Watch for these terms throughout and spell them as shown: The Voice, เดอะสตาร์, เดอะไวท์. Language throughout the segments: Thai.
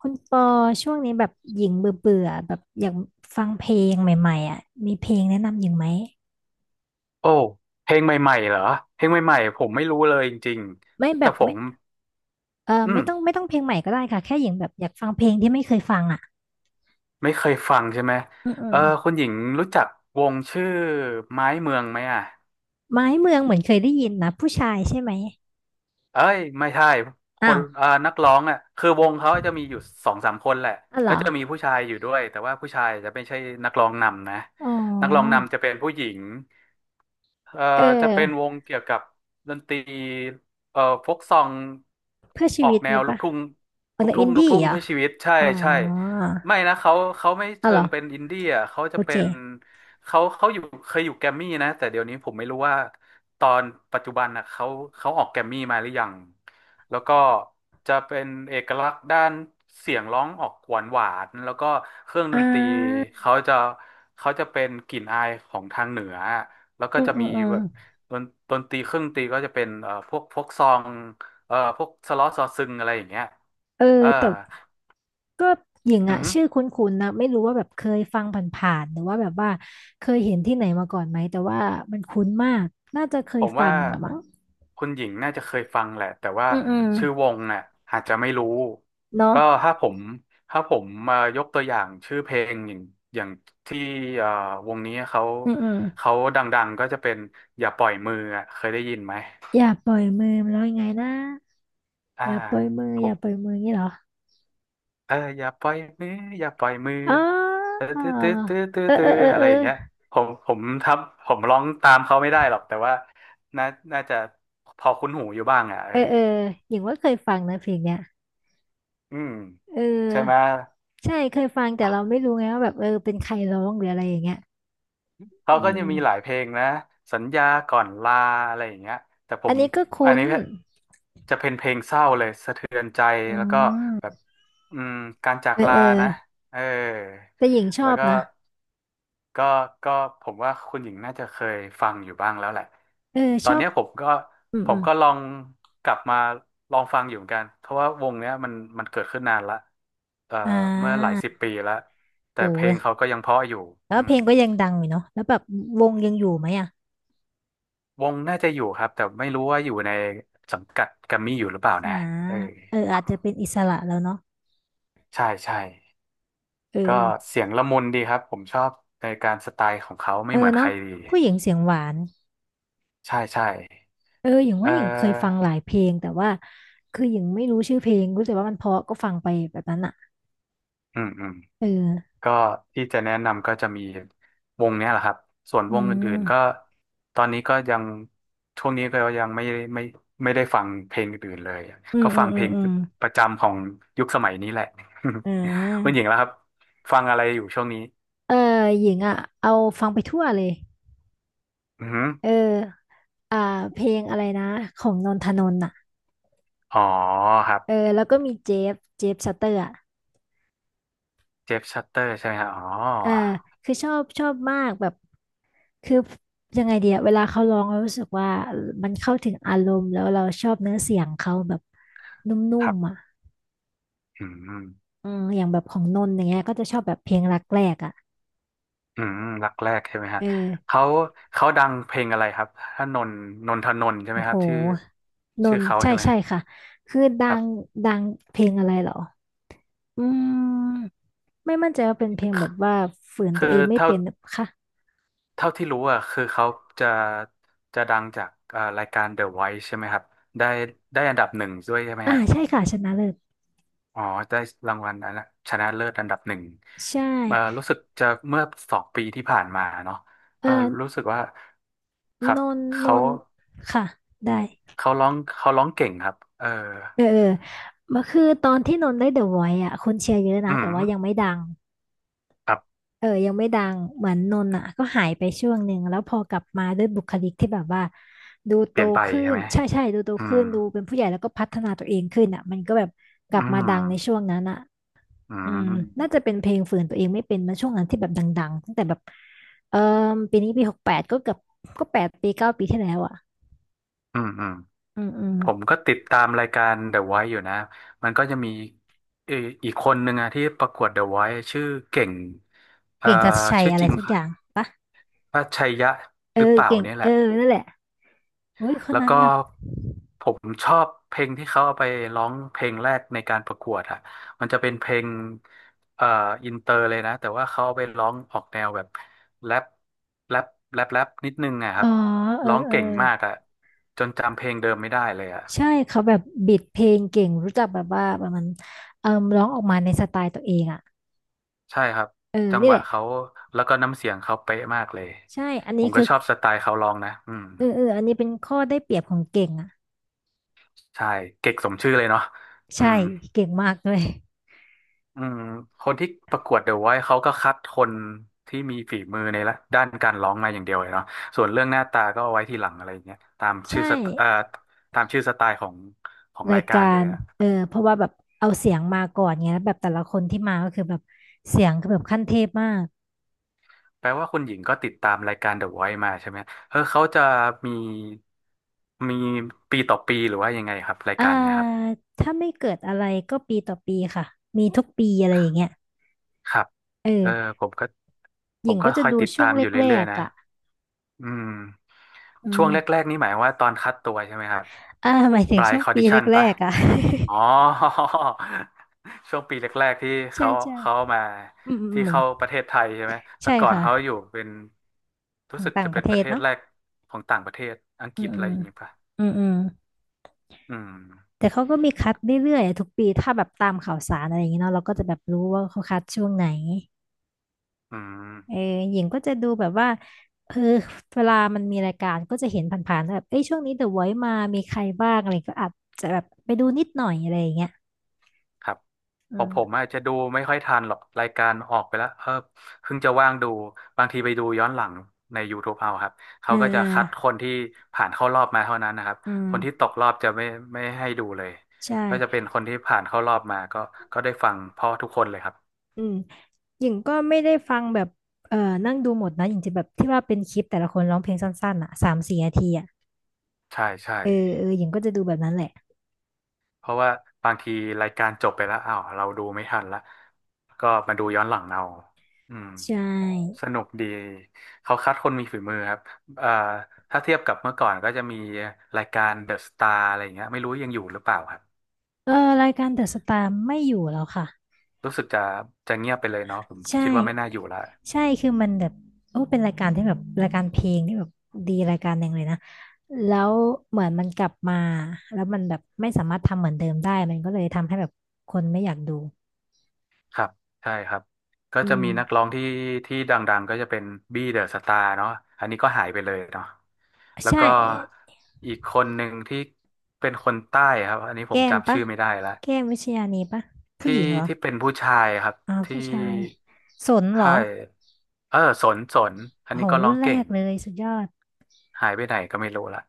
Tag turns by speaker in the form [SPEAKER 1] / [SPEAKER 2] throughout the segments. [SPEAKER 1] คุณปอช่วงนี้แบบหญิงเบื่อเบื่อแบบอยากฟังเพลงใหม่ๆอ่ะมีเพลงแนะนำหญิงไหม
[SPEAKER 2] โอ้เพลงใหม่ๆเหรอเพลงใหม่ๆผมไม่รู้เลยจริง
[SPEAKER 1] ไม่
[SPEAKER 2] ๆ
[SPEAKER 1] แบ
[SPEAKER 2] แต่
[SPEAKER 1] บ
[SPEAKER 2] ผ
[SPEAKER 1] ไม่
[SPEAKER 2] ม
[SPEAKER 1] เออ
[SPEAKER 2] อืม
[SPEAKER 1] ไม่ต้องไม่ต้องเพลงใหม่ก็ได้ค่ะแค่หญิงแบบอยากฟังเพลงที่ไม่เคยฟังอ่ะ
[SPEAKER 2] ไม่เคยฟังใช่ไหม
[SPEAKER 1] อืมอื
[SPEAKER 2] เออ
[SPEAKER 1] ม
[SPEAKER 2] คุณหญิงรู้จักวงชื่อไม้เมืองไหมอ่ะ
[SPEAKER 1] ไม้เมืองเหมือนเคยได้ยินนะผู้ชายใช่ไหม
[SPEAKER 2] เอ้ยไม่ใช่ค
[SPEAKER 1] อ้า
[SPEAKER 2] น
[SPEAKER 1] ว
[SPEAKER 2] นักร้องอ่ะคือวงเขาจะมีอยู่สองสามคนแหละ
[SPEAKER 1] อ๋อเหร
[SPEAKER 2] ก็
[SPEAKER 1] อ
[SPEAKER 2] จะมีผู้ชายอยู่ด้วย แต่ว่าผู้ชายจะไม่ใช่นักร้องนำนะ
[SPEAKER 1] อ๋
[SPEAKER 2] นักร้อง
[SPEAKER 1] อ
[SPEAKER 2] นำจะเป็นผู้หญิง เอ่อ
[SPEAKER 1] เออ
[SPEAKER 2] จะเป็นวงเกี่ยวกับดนตรีโฟกซอง
[SPEAKER 1] เพื่อชี
[SPEAKER 2] ออก
[SPEAKER 1] วิต
[SPEAKER 2] แนว
[SPEAKER 1] งี้
[SPEAKER 2] ลูก
[SPEAKER 1] ปะ
[SPEAKER 2] ทุ่ง
[SPEAKER 1] เออ
[SPEAKER 2] ลูกทุ่
[SPEAKER 1] อิ
[SPEAKER 2] ง
[SPEAKER 1] น
[SPEAKER 2] ลูก
[SPEAKER 1] ดี้
[SPEAKER 2] ทุ่ง
[SPEAKER 1] เหรอ
[SPEAKER 2] เพื่อชีวิตใช่
[SPEAKER 1] อ๋อ
[SPEAKER 2] ใช่ไม่นะเขาไม่
[SPEAKER 1] อ๋อ
[SPEAKER 2] เชิ
[SPEAKER 1] เหรอ
[SPEAKER 2] งเป็นอินดี้อ่ะเขาจะ
[SPEAKER 1] โอเค
[SPEAKER 2] เป็นเขาอยู่เคยอยู่แกรมมี่นะแต่เดี๋ยวนี้ผมไม่รู้ว่าตอนปัจจุบันนะเขาเขาออกแกรมมี่มาหรือยังแล้วก็จะเป็นเอกลักษณ์ด้านเสียงร้องออกหวานหวานแล้วก็เครื่องด
[SPEAKER 1] อ่
[SPEAKER 2] นตรี
[SPEAKER 1] า
[SPEAKER 2] เขาจะเป็นกลิ่นอายของทางเหนือ แล้วก็
[SPEAKER 1] อืม
[SPEAKER 2] จะ
[SPEAKER 1] อื
[SPEAKER 2] มี
[SPEAKER 1] มอืม
[SPEAKER 2] แบบดนดนตรีเครื่องดนตรีก็จะเป็นพวกซองพวกสล้อซอซึงอะไรอย่างเงี้ย
[SPEAKER 1] เออ
[SPEAKER 2] เออ
[SPEAKER 1] แต่ ก็หญิง
[SPEAKER 2] อื
[SPEAKER 1] อะ
[SPEAKER 2] อหือ
[SPEAKER 1] ชื่อคุ้นๆนะไม่รู้ว่าแบบเคยฟังผ่านๆหรือว่าแบบว่าเคยเห็นที่ไหนมาก่อนไหมแต่ว่ามันคุ้นมากน่าจะเค
[SPEAKER 2] ผ
[SPEAKER 1] ย
[SPEAKER 2] ม
[SPEAKER 1] ฟั
[SPEAKER 2] ว่า
[SPEAKER 1] งอะมั้ง
[SPEAKER 2] คุณหญิงน่าจะเคยฟังแหละแต่ว่า
[SPEAKER 1] อืมอืม
[SPEAKER 2] ชื่อวงน่ะอาจจะไม่รู้
[SPEAKER 1] เนาะ
[SPEAKER 2] ก็ถ้าผมมายกตัวอย่างชื่อเพลงอย่างอย่างที่เอ่อวงนี้เขา
[SPEAKER 1] อืมอืม
[SPEAKER 2] ดังๆก็จะเป็นอย่าปล่อยมืออะเคยได้ยินไหม
[SPEAKER 1] อย่าปล่อยมือมันแล้วยังไงนะ
[SPEAKER 2] อ่า
[SPEAKER 1] อย่าปล่อยมืออย่าปล่อยมืองี้เหรอ
[SPEAKER 2] เอออย่าปล่อยมืออย่าปล่อยมือ
[SPEAKER 1] อ๋อ
[SPEAKER 2] เออตื้อ
[SPEAKER 1] เออเออเออ
[SPEAKER 2] อะ
[SPEAKER 1] เอ
[SPEAKER 2] ไร
[SPEAKER 1] อ
[SPEAKER 2] อย่างเงี้ยผมผมทำผมร้องตามเขาไม่ได้หรอกแต่ว่าน่าน่าจะพอคุ้นหูอยู่บ้างอ่ะเอ
[SPEAKER 1] เอ
[SPEAKER 2] อ
[SPEAKER 1] อเออหญิงว่าเคยฟังนะเพลงเนี้ย
[SPEAKER 2] อืม
[SPEAKER 1] เอ
[SPEAKER 2] ใช่ไหม
[SPEAKER 1] อใช่เคยฟังแต่เราไม่รู้ไงว่าแบบเออเป็นใครร้องหรืออะไรอย่างเงี้ย
[SPEAKER 2] เขา
[SPEAKER 1] อื
[SPEAKER 2] ก็จะมีหลาย
[SPEAKER 1] ม
[SPEAKER 2] เพลงนะสัญญาก่อนลาอะไรอย่างเงี้ยแต่ผ
[SPEAKER 1] อัน
[SPEAKER 2] ม
[SPEAKER 1] นี้ก็
[SPEAKER 2] อั
[SPEAKER 1] คุ้
[SPEAKER 2] น
[SPEAKER 1] น
[SPEAKER 2] นี้จะเป็นเพลงเศร้าเลยสะเทือนใจ
[SPEAKER 1] อื
[SPEAKER 2] แล้วก็แบบ
[SPEAKER 1] ม
[SPEAKER 2] อืมการจาก
[SPEAKER 1] เออ
[SPEAKER 2] ลา
[SPEAKER 1] เออ
[SPEAKER 2] นะเออ
[SPEAKER 1] แต่หญิงช
[SPEAKER 2] แล้
[SPEAKER 1] อ
[SPEAKER 2] ว
[SPEAKER 1] บ
[SPEAKER 2] ก็
[SPEAKER 1] นะ
[SPEAKER 2] ก็ก็ผมว่าคุณหญิงน่าจะเคยฟังอยู่บ้างแล้วแหละ
[SPEAKER 1] เออ
[SPEAKER 2] ตอ
[SPEAKER 1] ช
[SPEAKER 2] น
[SPEAKER 1] อบ
[SPEAKER 2] เนี้ยผมก็
[SPEAKER 1] อืมอืม
[SPEAKER 2] ลองกลับมาลองฟังอยู่เหมือนกันเพราะว่าวงเนี้ยมันเกิดขึ้นนานละเอ่อ
[SPEAKER 1] อ่
[SPEAKER 2] เมื่อหลาย
[SPEAKER 1] า
[SPEAKER 2] สิบปีแล้ว
[SPEAKER 1] โอ
[SPEAKER 2] แต่เพลงเขา
[SPEAKER 1] ้
[SPEAKER 2] ก็ยังเพราะอยู่
[SPEAKER 1] แล้
[SPEAKER 2] อื
[SPEAKER 1] วเพ
[SPEAKER 2] ม
[SPEAKER 1] ลงก็ยังดังอยู่เนาะแล้วแบบวงยังอยู่ไหมอ่ะ
[SPEAKER 2] วงน่าจะอยู่ครับแต่ไม่รู้ว่าอยู่ในสังกัดแกรมมี่อยู่หรือเปล่า
[SPEAKER 1] อ่า
[SPEAKER 2] นะเออ
[SPEAKER 1] เอออาจจะเป็นอิสระแล้วเนาะ
[SPEAKER 2] ใช่ใช่
[SPEAKER 1] เ
[SPEAKER 2] ก็
[SPEAKER 1] ออ
[SPEAKER 2] เสียงละมุนดีครับผมชอบในการสไตล์ของเขา
[SPEAKER 1] เอ
[SPEAKER 2] ไม่
[SPEAKER 1] อ
[SPEAKER 2] เหมือนใค
[SPEAKER 1] เนาะ
[SPEAKER 2] รดี
[SPEAKER 1] ผู้หญิงเสียงหวาน
[SPEAKER 2] ใช่ใช่
[SPEAKER 1] เออหญิง
[SPEAKER 2] เ
[SPEAKER 1] ว่าหญิงเคยฟัง
[SPEAKER 2] ออ
[SPEAKER 1] หลายเพลงแต่ว่าคือหญิงไม่รู้ชื่อเพลงรู้แต่ว่ามันเพราะก็ฟังไปแบบนั้นอ่ะ
[SPEAKER 2] อืมอืม
[SPEAKER 1] เออ
[SPEAKER 2] ก็ที่จะแนะนำก็จะมีวงเนี้ยแหละครับส่วน
[SPEAKER 1] อื
[SPEAKER 2] วงอื่นๆก็
[SPEAKER 1] ม
[SPEAKER 2] ตอนนี้ก็ยังช่วงนี้ก็ยังไม่ไม่ไม่ได้ฟังเพลงอื่นๆเลย
[SPEAKER 1] อืม
[SPEAKER 2] ก็
[SPEAKER 1] อื
[SPEAKER 2] ฟั
[SPEAKER 1] ม
[SPEAKER 2] ง
[SPEAKER 1] อื
[SPEAKER 2] เพล
[SPEAKER 1] ม
[SPEAKER 2] ง
[SPEAKER 1] อืม
[SPEAKER 2] ประจำของยุคสมัยนี้แหละ
[SPEAKER 1] อ่
[SPEAKER 2] คุณ
[SPEAKER 1] า
[SPEAKER 2] หญิงแล้วครับฟังอะไรอยู่ช่วงนี้
[SPEAKER 1] เออหญิงอ่ะเอาฟังไปทั่วเลย
[SPEAKER 2] อือหือ
[SPEAKER 1] เอออ่าเพลงอะไรนะของนนทนนท์อ่ะ
[SPEAKER 2] อ๋อครับ
[SPEAKER 1] เออแล้วก็มีเจฟเจฟซัตเตอร์อ่ะ
[SPEAKER 2] เจฟชัตเตอร์ใช่ไหมฮะอ๋อ
[SPEAKER 1] อ่าคือชอบชอบมากแบบคือยังไงเดียเวลาเขาร้องเรารู้สึกว่ามันเข้าถึงอารมณ์แล้วเราชอบเนื้อเสียงเขาแบบนุ่
[SPEAKER 2] ครั
[SPEAKER 1] มๆอ่ะ
[SPEAKER 2] บอืม
[SPEAKER 1] อืมอย่างแบบของนนท์อย่างเงี้ยก็จะชอบแบบเพลงรักแรกอ่ะ
[SPEAKER 2] อืมรักแรกใช่ไหมฮะ
[SPEAKER 1] เออ
[SPEAKER 2] เขาดังเพลงอะไรครับถ้านนนนทนนท์ใช่ไห
[SPEAKER 1] โอ้
[SPEAKER 2] มค
[SPEAKER 1] โห
[SPEAKER 2] รับชื่อ
[SPEAKER 1] น
[SPEAKER 2] ชื่อ
[SPEAKER 1] นท์
[SPEAKER 2] เขา
[SPEAKER 1] ใช่
[SPEAKER 2] ใช่ไหม
[SPEAKER 1] ใช่ค่ะคือดั
[SPEAKER 2] ครับ
[SPEAKER 1] งดังเพลงอะไรเหรออืมไม่มั่นใจว่าเป็นเพลงแบบว่าฝืนตั
[SPEAKER 2] คื
[SPEAKER 1] วเอ
[SPEAKER 2] อ
[SPEAKER 1] งไม่
[SPEAKER 2] เท่า
[SPEAKER 1] เป็นหรือค่ะ
[SPEAKER 2] ที่รู้อ่ะคือเขาจะดังจากรายการ The Voice ใช่ไหมครับได้อันดับหนึ่งด้วยใช่ไหม
[SPEAKER 1] อ่า
[SPEAKER 2] ฮะ
[SPEAKER 1] ใช่ค่ะชนะเลิศ
[SPEAKER 2] อ๋อได้รางวัลอันละชนะเลิศอันดับหนึ่ง
[SPEAKER 1] ใช่
[SPEAKER 2] รู้สึกจะเมื่อสองปีที่ผ่านมาเนาะ
[SPEAKER 1] เอ
[SPEAKER 2] เออ
[SPEAKER 1] อ
[SPEAKER 2] รู้สึกว่าครั
[SPEAKER 1] น
[SPEAKER 2] บ
[SPEAKER 1] นน
[SPEAKER 2] เขา
[SPEAKER 1] นค่ะได้
[SPEAKER 2] ร้องเก่งครับเออ
[SPEAKER 1] เออเออมาคือตอนที่นนได้เดอะไวท์อ่ะคนเชียร์เยอะนะ
[SPEAKER 2] อื
[SPEAKER 1] แต่ว่ายัง
[SPEAKER 2] ม
[SPEAKER 1] ไม่ดัง
[SPEAKER 2] ครับ
[SPEAKER 1] เออยังไม่ดังเหมือนนนอ่ะก็หายไปช่วงหนึ่งแล้วพอกลับมาด้วยบุคลิกที่แบบว่าดูโต
[SPEAKER 2] เปลี่ยนไป
[SPEAKER 1] ขึ้
[SPEAKER 2] ใช่
[SPEAKER 1] น
[SPEAKER 2] ไหม
[SPEAKER 1] ใช่ใช่ดูโต
[SPEAKER 2] อื
[SPEAKER 1] ขึ้
[SPEAKER 2] ม
[SPEAKER 1] นดูเป็นผู้ใหญ่แล้วก็พัฒนาตัวเองขึ้นอ่ะมันก็แบบกลับ
[SPEAKER 2] อื
[SPEAKER 1] มาดั
[SPEAKER 2] ม
[SPEAKER 1] งในช่วงนั้นอ่ะ
[SPEAKER 2] อื
[SPEAKER 1] อืมน่า
[SPEAKER 2] ม
[SPEAKER 1] จะเป็นเพลงฝืนตัวเองไม่เป็นมาช่วงนั้นที่แบบดังๆตั้งแต่แบบเออปีนี้ปีหกแปดก็เกือบก็แปดปีเก้าปีที่แล้วอ่ะ
[SPEAKER 2] อืมอืม
[SPEAKER 1] อืมอืม
[SPEAKER 2] ผมก็ติดตามรายการ The Voice อยู่นะ มันก็จะมีเอ่ออีกคนหนึ่งอะที่ประกวด The Voice ชื่อเก่งเอ่อ
[SPEAKER 1] เก่งทัชชัย
[SPEAKER 2] ชื่อ
[SPEAKER 1] อะ
[SPEAKER 2] จ
[SPEAKER 1] ไร
[SPEAKER 2] ริง
[SPEAKER 1] สักอย่าง
[SPEAKER 2] ว่าชัยยะ
[SPEAKER 1] เอ
[SPEAKER 2] ห
[SPEAKER 1] อ
[SPEAKER 2] รือเปล่า
[SPEAKER 1] เก่ง
[SPEAKER 2] เนี่ยแห
[SPEAKER 1] เออ
[SPEAKER 2] ละ
[SPEAKER 1] นั่นแหละอุ้ยคน
[SPEAKER 2] แล้ว
[SPEAKER 1] นั้น
[SPEAKER 2] ก็
[SPEAKER 1] แบบ
[SPEAKER 2] ผมชอบเพลงที่เขาเอาไปร้องเพลงแรกในการประกวดอะมันจะเป็นเพลงเอ่ออินเตอร์เลยนะแต่ว่าเขาเอาไปร้องออกแนวแบบแรปแรปแรปนิดนึงอะค
[SPEAKER 1] อ๋
[SPEAKER 2] รั
[SPEAKER 1] อ
[SPEAKER 2] บ
[SPEAKER 1] เออ
[SPEAKER 2] ร้อง
[SPEAKER 1] เออ
[SPEAKER 2] เก่งมากอะจนจำเพลงเดิมไม่ได้เลยอะ
[SPEAKER 1] ใช่เขาแบบบิดเพลงเก่งรู้จักแบบว่าแบบมันเอ่ร้องออกมาในสไตล์ตัวเองอ่ะ
[SPEAKER 2] ใช่ครับ
[SPEAKER 1] เออ
[SPEAKER 2] จัง
[SPEAKER 1] นี่
[SPEAKER 2] ห
[SPEAKER 1] แห
[SPEAKER 2] วะ
[SPEAKER 1] ละ
[SPEAKER 2] เขาแล้วก็น้ำเสียงเขาเป๊ะมากเลย
[SPEAKER 1] ใช่อัน
[SPEAKER 2] ผ
[SPEAKER 1] นี้
[SPEAKER 2] มก็
[SPEAKER 1] คือ
[SPEAKER 2] ชอบสไตล์เขาร้องนะอืม
[SPEAKER 1] เออเอออันนี้เป็นข้อได้เปรียบของเก่งอ่ะ
[SPEAKER 2] ใช่เก่งสมชื่อเลยเนาะอื
[SPEAKER 1] ใช่
[SPEAKER 2] ม
[SPEAKER 1] เก่งมากเลย
[SPEAKER 2] อืมคนที่ประกวดเดอะไวท์เขาก็คัดคนที่มีฝีมือในละด้านการร้องมาอย่างเดียวเลยเนาะส่วนเรื่องหน้าตาก็เอาไว้ทีหลังอะไรอย่างเงี้ยตามชื่
[SPEAKER 1] ใช่
[SPEAKER 2] อสไตตามชื่อสไตล์ของ
[SPEAKER 1] รา
[SPEAKER 2] รา
[SPEAKER 1] ย
[SPEAKER 2] ยกา
[SPEAKER 1] กา
[SPEAKER 2] รเล
[SPEAKER 1] ร
[SPEAKER 2] ยอะ
[SPEAKER 1] เออเพราะว่าแบบเอาเสียงมาก่อนเงี้ยแล้วแบบแต่ละคนที่มาก็คือแบบเสียงคือแบบขั้นเทพมาก
[SPEAKER 2] แปลว่าคุณหญิงก็ติดตามรายการเดอะไวท์มาใช่ไหมเออเขาจะมีมีปีต่อปีหรือว่ายังไงครับราย
[SPEAKER 1] อ่า
[SPEAKER 2] การเนี้ยครับ
[SPEAKER 1] ถ้าไม่เกิดอะไรก็ปีต่อปีค่ะมีทุกปีอะไรอย่างเงี้ย
[SPEAKER 2] ครับ
[SPEAKER 1] เอ
[SPEAKER 2] เออ
[SPEAKER 1] อ
[SPEAKER 2] ผมก็
[SPEAKER 1] หญิงก็จะ
[SPEAKER 2] คอย
[SPEAKER 1] ดู
[SPEAKER 2] ติด
[SPEAKER 1] ช่
[SPEAKER 2] ตา
[SPEAKER 1] วง
[SPEAKER 2] มอยู่
[SPEAKER 1] แร
[SPEAKER 2] เรื่อย
[SPEAKER 1] ก
[SPEAKER 2] ๆนะ
[SPEAKER 1] ๆอ่ะ
[SPEAKER 2] อืม
[SPEAKER 1] อื
[SPEAKER 2] ช่วงแร
[SPEAKER 1] ม
[SPEAKER 2] กๆนี่หมายว่าตอนคัดตัวใช่ไหมครับ
[SPEAKER 1] อ่าหมายถึ
[SPEAKER 2] บ
[SPEAKER 1] ง
[SPEAKER 2] ราย
[SPEAKER 1] ช่วง
[SPEAKER 2] คอ
[SPEAKER 1] ปี
[SPEAKER 2] ดิชัน
[SPEAKER 1] แร
[SPEAKER 2] ปะ
[SPEAKER 1] กๆอ่ะ
[SPEAKER 2] อ๋อ ช่วงปีแรกๆที่
[SPEAKER 1] ใช่
[SPEAKER 2] เขา
[SPEAKER 1] ใช่
[SPEAKER 2] เขามา
[SPEAKER 1] อืมอืมอื
[SPEAKER 2] ที่
[SPEAKER 1] ม
[SPEAKER 2] เข้าประเทศไทยใช่ไหมแต่
[SPEAKER 1] ใช่
[SPEAKER 2] ก่อน
[SPEAKER 1] ค่ะ
[SPEAKER 2] เขาอยู่เป็น
[SPEAKER 1] ข
[SPEAKER 2] รู้
[SPEAKER 1] อง
[SPEAKER 2] สึก
[SPEAKER 1] ต่าง
[SPEAKER 2] จะ
[SPEAKER 1] ป
[SPEAKER 2] เป็
[SPEAKER 1] ระ
[SPEAKER 2] น
[SPEAKER 1] เท
[SPEAKER 2] ประ
[SPEAKER 1] ศ
[SPEAKER 2] เทศ
[SPEAKER 1] เนาะ
[SPEAKER 2] แรกของต่างประเทศอัง
[SPEAKER 1] อื
[SPEAKER 2] กฤ
[SPEAKER 1] ม
[SPEAKER 2] ษ
[SPEAKER 1] อื
[SPEAKER 2] อะไร
[SPEAKER 1] ม
[SPEAKER 2] อย่างงี้ป่ะ
[SPEAKER 1] อืมอืม
[SPEAKER 2] อืม
[SPEAKER 1] แต่เขาก็มีคัดเรื่อยๆอะทุกปี ถ้าแบบตามข่าวสารอะไรอย่างเงี้ยเนาะเราก็จะแบบรู้ว่าเขาคัดช่วงไหน
[SPEAKER 2] อื
[SPEAKER 1] เออ
[SPEAKER 2] ม
[SPEAKER 1] หญิงก็จะดูแบบว่าเออเวลามันมีรายการก็จะเห็นผ่านๆแบบเอ้ยช่วงนี้เดอะไวท์มามีใครบ้างอะไรก็อาจจะแบบไปดูนิดหน่อยอะไรอย่างเงี้ย
[SPEAKER 2] ครับ
[SPEAKER 1] อื
[SPEAKER 2] ของผม
[SPEAKER 1] ม
[SPEAKER 2] อาจจะดูไม่ค่อยทันหรอกรายการออกไปแล้วเออเพิ่งจะว่างดูบางทีไปดูย้อนหลังใน YouTube เอาครับ
[SPEAKER 1] เอ
[SPEAKER 2] เขา
[SPEAKER 1] อ
[SPEAKER 2] ก็
[SPEAKER 1] เอ
[SPEAKER 2] จะ
[SPEAKER 1] อ
[SPEAKER 2] คัดคนที่ผ่านเข้ารอบมาเท่านั้นนะครับ
[SPEAKER 1] อื
[SPEAKER 2] คนที่ต
[SPEAKER 1] ม
[SPEAKER 2] กรอบจะไม่ให้ดูเลย
[SPEAKER 1] ใช่
[SPEAKER 2] ก็จะเป็นคนที่ผ่านเข้ารอบมาก็ได้ฟังเพราะทุกคนเลยครับ
[SPEAKER 1] อืม หญิงก็ไม่ได้ฟังแบบเอ่อนั่งดูหมดนะหญิงจะแบบที่ว่าเป็นคลิปแต่ละคนร้องเพลงสั้นๆอ่ะสามสี่นาทีอ่ะ
[SPEAKER 2] ใช่ใช่
[SPEAKER 1] เออเออหญิงก็จะดูแบบนั้นแหละ
[SPEAKER 2] เพราะว่าบางทีรายการจบไปแล้วอ้าวเราดูไม่ทันละก็มาดูย้อนหลังเอาอืม
[SPEAKER 1] ใช่
[SPEAKER 2] สนุกดีเขาคัดคนมีฝีมือครับเอ่อถ้าเทียบกับเมื่อก่อนก็จะมีรายการเดอะสตาร์อะไรอย่างเงี้ยไม่รู้ยังอยู่หรือเปล่าครับ
[SPEAKER 1] เออรายการเดอะสตาร์ไม่อยู่แล้วค่ะ
[SPEAKER 2] รู้สึกจะเงียบไปเลยเนาะผม
[SPEAKER 1] ใช่
[SPEAKER 2] คิดว่าไม่น่าอยู่ละ
[SPEAKER 1] ใช่คือมันแบบโอ้เป็นรายการที่แบบรายการเพลงที่แบบดีรายการหนึ่งเลยนะแล้วเหมือนมันกลับมาแล้วมันแบบไม่สามารถทำเหมือนเดิมได้มันก็เลยทำให้แบบคนไม่อยากดู
[SPEAKER 2] ครับใช่ครับก็
[SPEAKER 1] อื
[SPEAKER 2] จะ
[SPEAKER 1] ม
[SPEAKER 2] มีนักร้องที่ที่ดังๆก็จะเป็นบี้เดอะสตาร์เนาะอันนี้ก็หายไปเลยเนาะแล้ว
[SPEAKER 1] ใช่
[SPEAKER 2] ก็อีกคนหนึ่งที่เป็นคนใต้ครับอันนี้ผม
[SPEAKER 1] แก้ม
[SPEAKER 2] จำ
[SPEAKER 1] ปะ
[SPEAKER 2] ชื่อไม่ได้ละ
[SPEAKER 1] แก้มวิชญานีปะผู้
[SPEAKER 2] ที่
[SPEAKER 1] หญิงเหรอ
[SPEAKER 2] ที่เป็นผู้ชายครับ
[SPEAKER 1] อ๋อ
[SPEAKER 2] ที่
[SPEAKER 1] ผู้ชายสน
[SPEAKER 2] ใช
[SPEAKER 1] เหรอ
[SPEAKER 2] ่เออสนสนอัน
[SPEAKER 1] โห
[SPEAKER 2] นี้ก็ร้
[SPEAKER 1] รุ่
[SPEAKER 2] อ
[SPEAKER 1] น
[SPEAKER 2] ง
[SPEAKER 1] แร
[SPEAKER 2] เก่ง
[SPEAKER 1] กเลยสุดยอด
[SPEAKER 2] หายไปไหนก็ไม่รู้ละ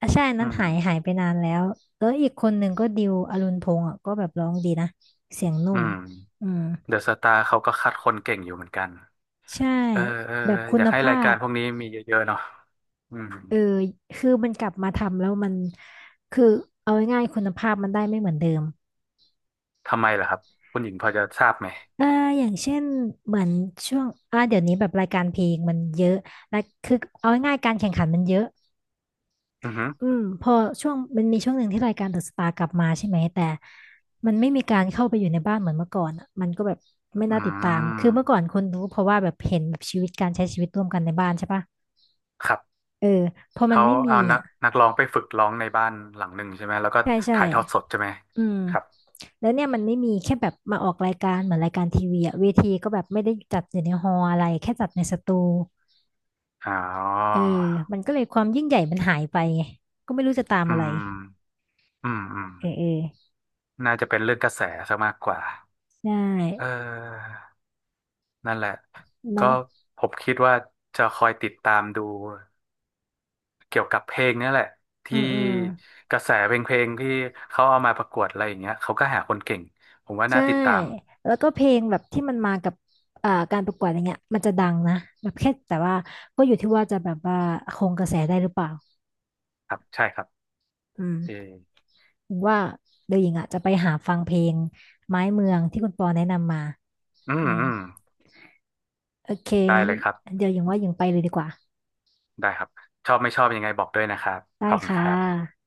[SPEAKER 1] อ่ะใช่อัน
[SPEAKER 2] อื
[SPEAKER 1] นั้น
[SPEAKER 2] ม
[SPEAKER 1] หายหายไปนานแล้วแล้วอีกคนหนึ่งก็ดิวอรุณพงษ์อ่ะก็แบบร้องดีนะเสียงนุ่
[SPEAKER 2] อื
[SPEAKER 1] ม
[SPEAKER 2] ม
[SPEAKER 1] อืม
[SPEAKER 2] เดอะสตาร์เขาก็คัดคนเก่งอยู่เหมือนกัน
[SPEAKER 1] ใช่
[SPEAKER 2] เออเออ
[SPEAKER 1] แบบคุ
[SPEAKER 2] อยา
[SPEAKER 1] ณ
[SPEAKER 2] กให้
[SPEAKER 1] ภา
[SPEAKER 2] รายกา
[SPEAKER 1] พ
[SPEAKER 2] รพวกนี้มีเยอะๆเนาะอืม
[SPEAKER 1] เออคือมันกลับมาทำแล้วมันคือเอาง่ายๆคุณภาพมันได้ไม่เหมือนเดิม
[SPEAKER 2] ทำไมล่ะครับคุณหญิงพอจะทราบไหม
[SPEAKER 1] อ่าอย่างเช่นเหมือนช่วงอ่าเดี๋ยวนี้แบบรายการเพลงมันเยอะและคือเอาง่ายๆการแข่งขันมันเยอะ
[SPEAKER 2] อือหือ
[SPEAKER 1] อืมพอช่วงมันมีช่วงหนึ่งที่รายการเดอะสตาร์กลับมาใช่ไหมแต่มันไม่มีการเข้าไปอยู่ในบ้านเหมือนเมื่อก่อนอะมันก็แบบไม่
[SPEAKER 2] อื
[SPEAKER 1] น่าติดตามคือเมื่อก่อน
[SPEAKER 2] ม
[SPEAKER 1] คนรู้เพราะว่าแบบเห็นแบบชีวิตการใช้ชีวิตร่วมกันในบ้านใช่ปะ
[SPEAKER 2] ครับ
[SPEAKER 1] เออพอมัน
[SPEAKER 2] เขา
[SPEAKER 1] ไม่มี
[SPEAKER 2] เอานัก
[SPEAKER 1] อ่ะ
[SPEAKER 2] นักร้องไปฝึกร้องในบ้านหลังหนึ่งใช่ไหมแล้วก็
[SPEAKER 1] ใช่ใช่
[SPEAKER 2] ถ่ายทอดสดใช่ไหม
[SPEAKER 1] อืม
[SPEAKER 2] ครับ
[SPEAKER 1] แล้วเนี่ยมันไม่มีแค่แบบมาออกรายการเหมือนรายการทีวีอะเวทีก็แบบไม่ได้จัดอยู่ในฮอลล์อะไรแค่จัดในสตู
[SPEAKER 2] อ๋อ
[SPEAKER 1] เออมันก็เลยความยิ่งใหญ่มันหายไปไงก็ไม่รู้จะตาม
[SPEAKER 2] อื
[SPEAKER 1] อะไร
[SPEAKER 2] มอืมอืม
[SPEAKER 1] เออเออ
[SPEAKER 2] น่าจะเป็นเรื่องกระแสซะมากกว่า
[SPEAKER 1] ใช่
[SPEAKER 2] เออนั่นแหละ ก็
[SPEAKER 1] เนาะ
[SPEAKER 2] ผมคิดว่าจะคอยติดตามดูเกี่ยวกับเพลงเนี่ยแหละ
[SPEAKER 1] อื
[SPEAKER 2] ที่
[SPEAKER 1] มอืม
[SPEAKER 2] กระแสเพลงที่เขาเอามาประกวดอะไรอย่างเงี้ยเขาก็หาคนเก่งผมว่า
[SPEAKER 1] ใช่
[SPEAKER 2] น่าติดตาม
[SPEAKER 1] แล้วก็เพลงแบบที่มันมากับอ่าการประกวดอย่างเงี้ยมันจะดังนะแบบแค่แต่ว่าก็อยู่ที่ว่าจะแบบว่าคงกระแสได้หรือเปล่า
[SPEAKER 2] ครับใช่ครับ
[SPEAKER 1] อืม
[SPEAKER 2] เออ
[SPEAKER 1] ผมว่าเดี๋ยวหญิงอ่ะจะไปหาฟังเพลงไม้เมืองที่คุณปอแนะนำมา
[SPEAKER 2] อื
[SPEAKER 1] อื
[SPEAKER 2] ม
[SPEAKER 1] ม
[SPEAKER 2] อืม
[SPEAKER 1] โอเค
[SPEAKER 2] ได้
[SPEAKER 1] งั้น
[SPEAKER 2] เลยครับ
[SPEAKER 1] เดี๋ยวหญิงว่าหญิงไปเลยดีกว่า
[SPEAKER 2] ได้ครับชอบไม่ชอบยังไงบอกด้วยนะครับ
[SPEAKER 1] ได้
[SPEAKER 2] ขอบคุณ
[SPEAKER 1] ค่
[SPEAKER 2] ครับ
[SPEAKER 1] ะ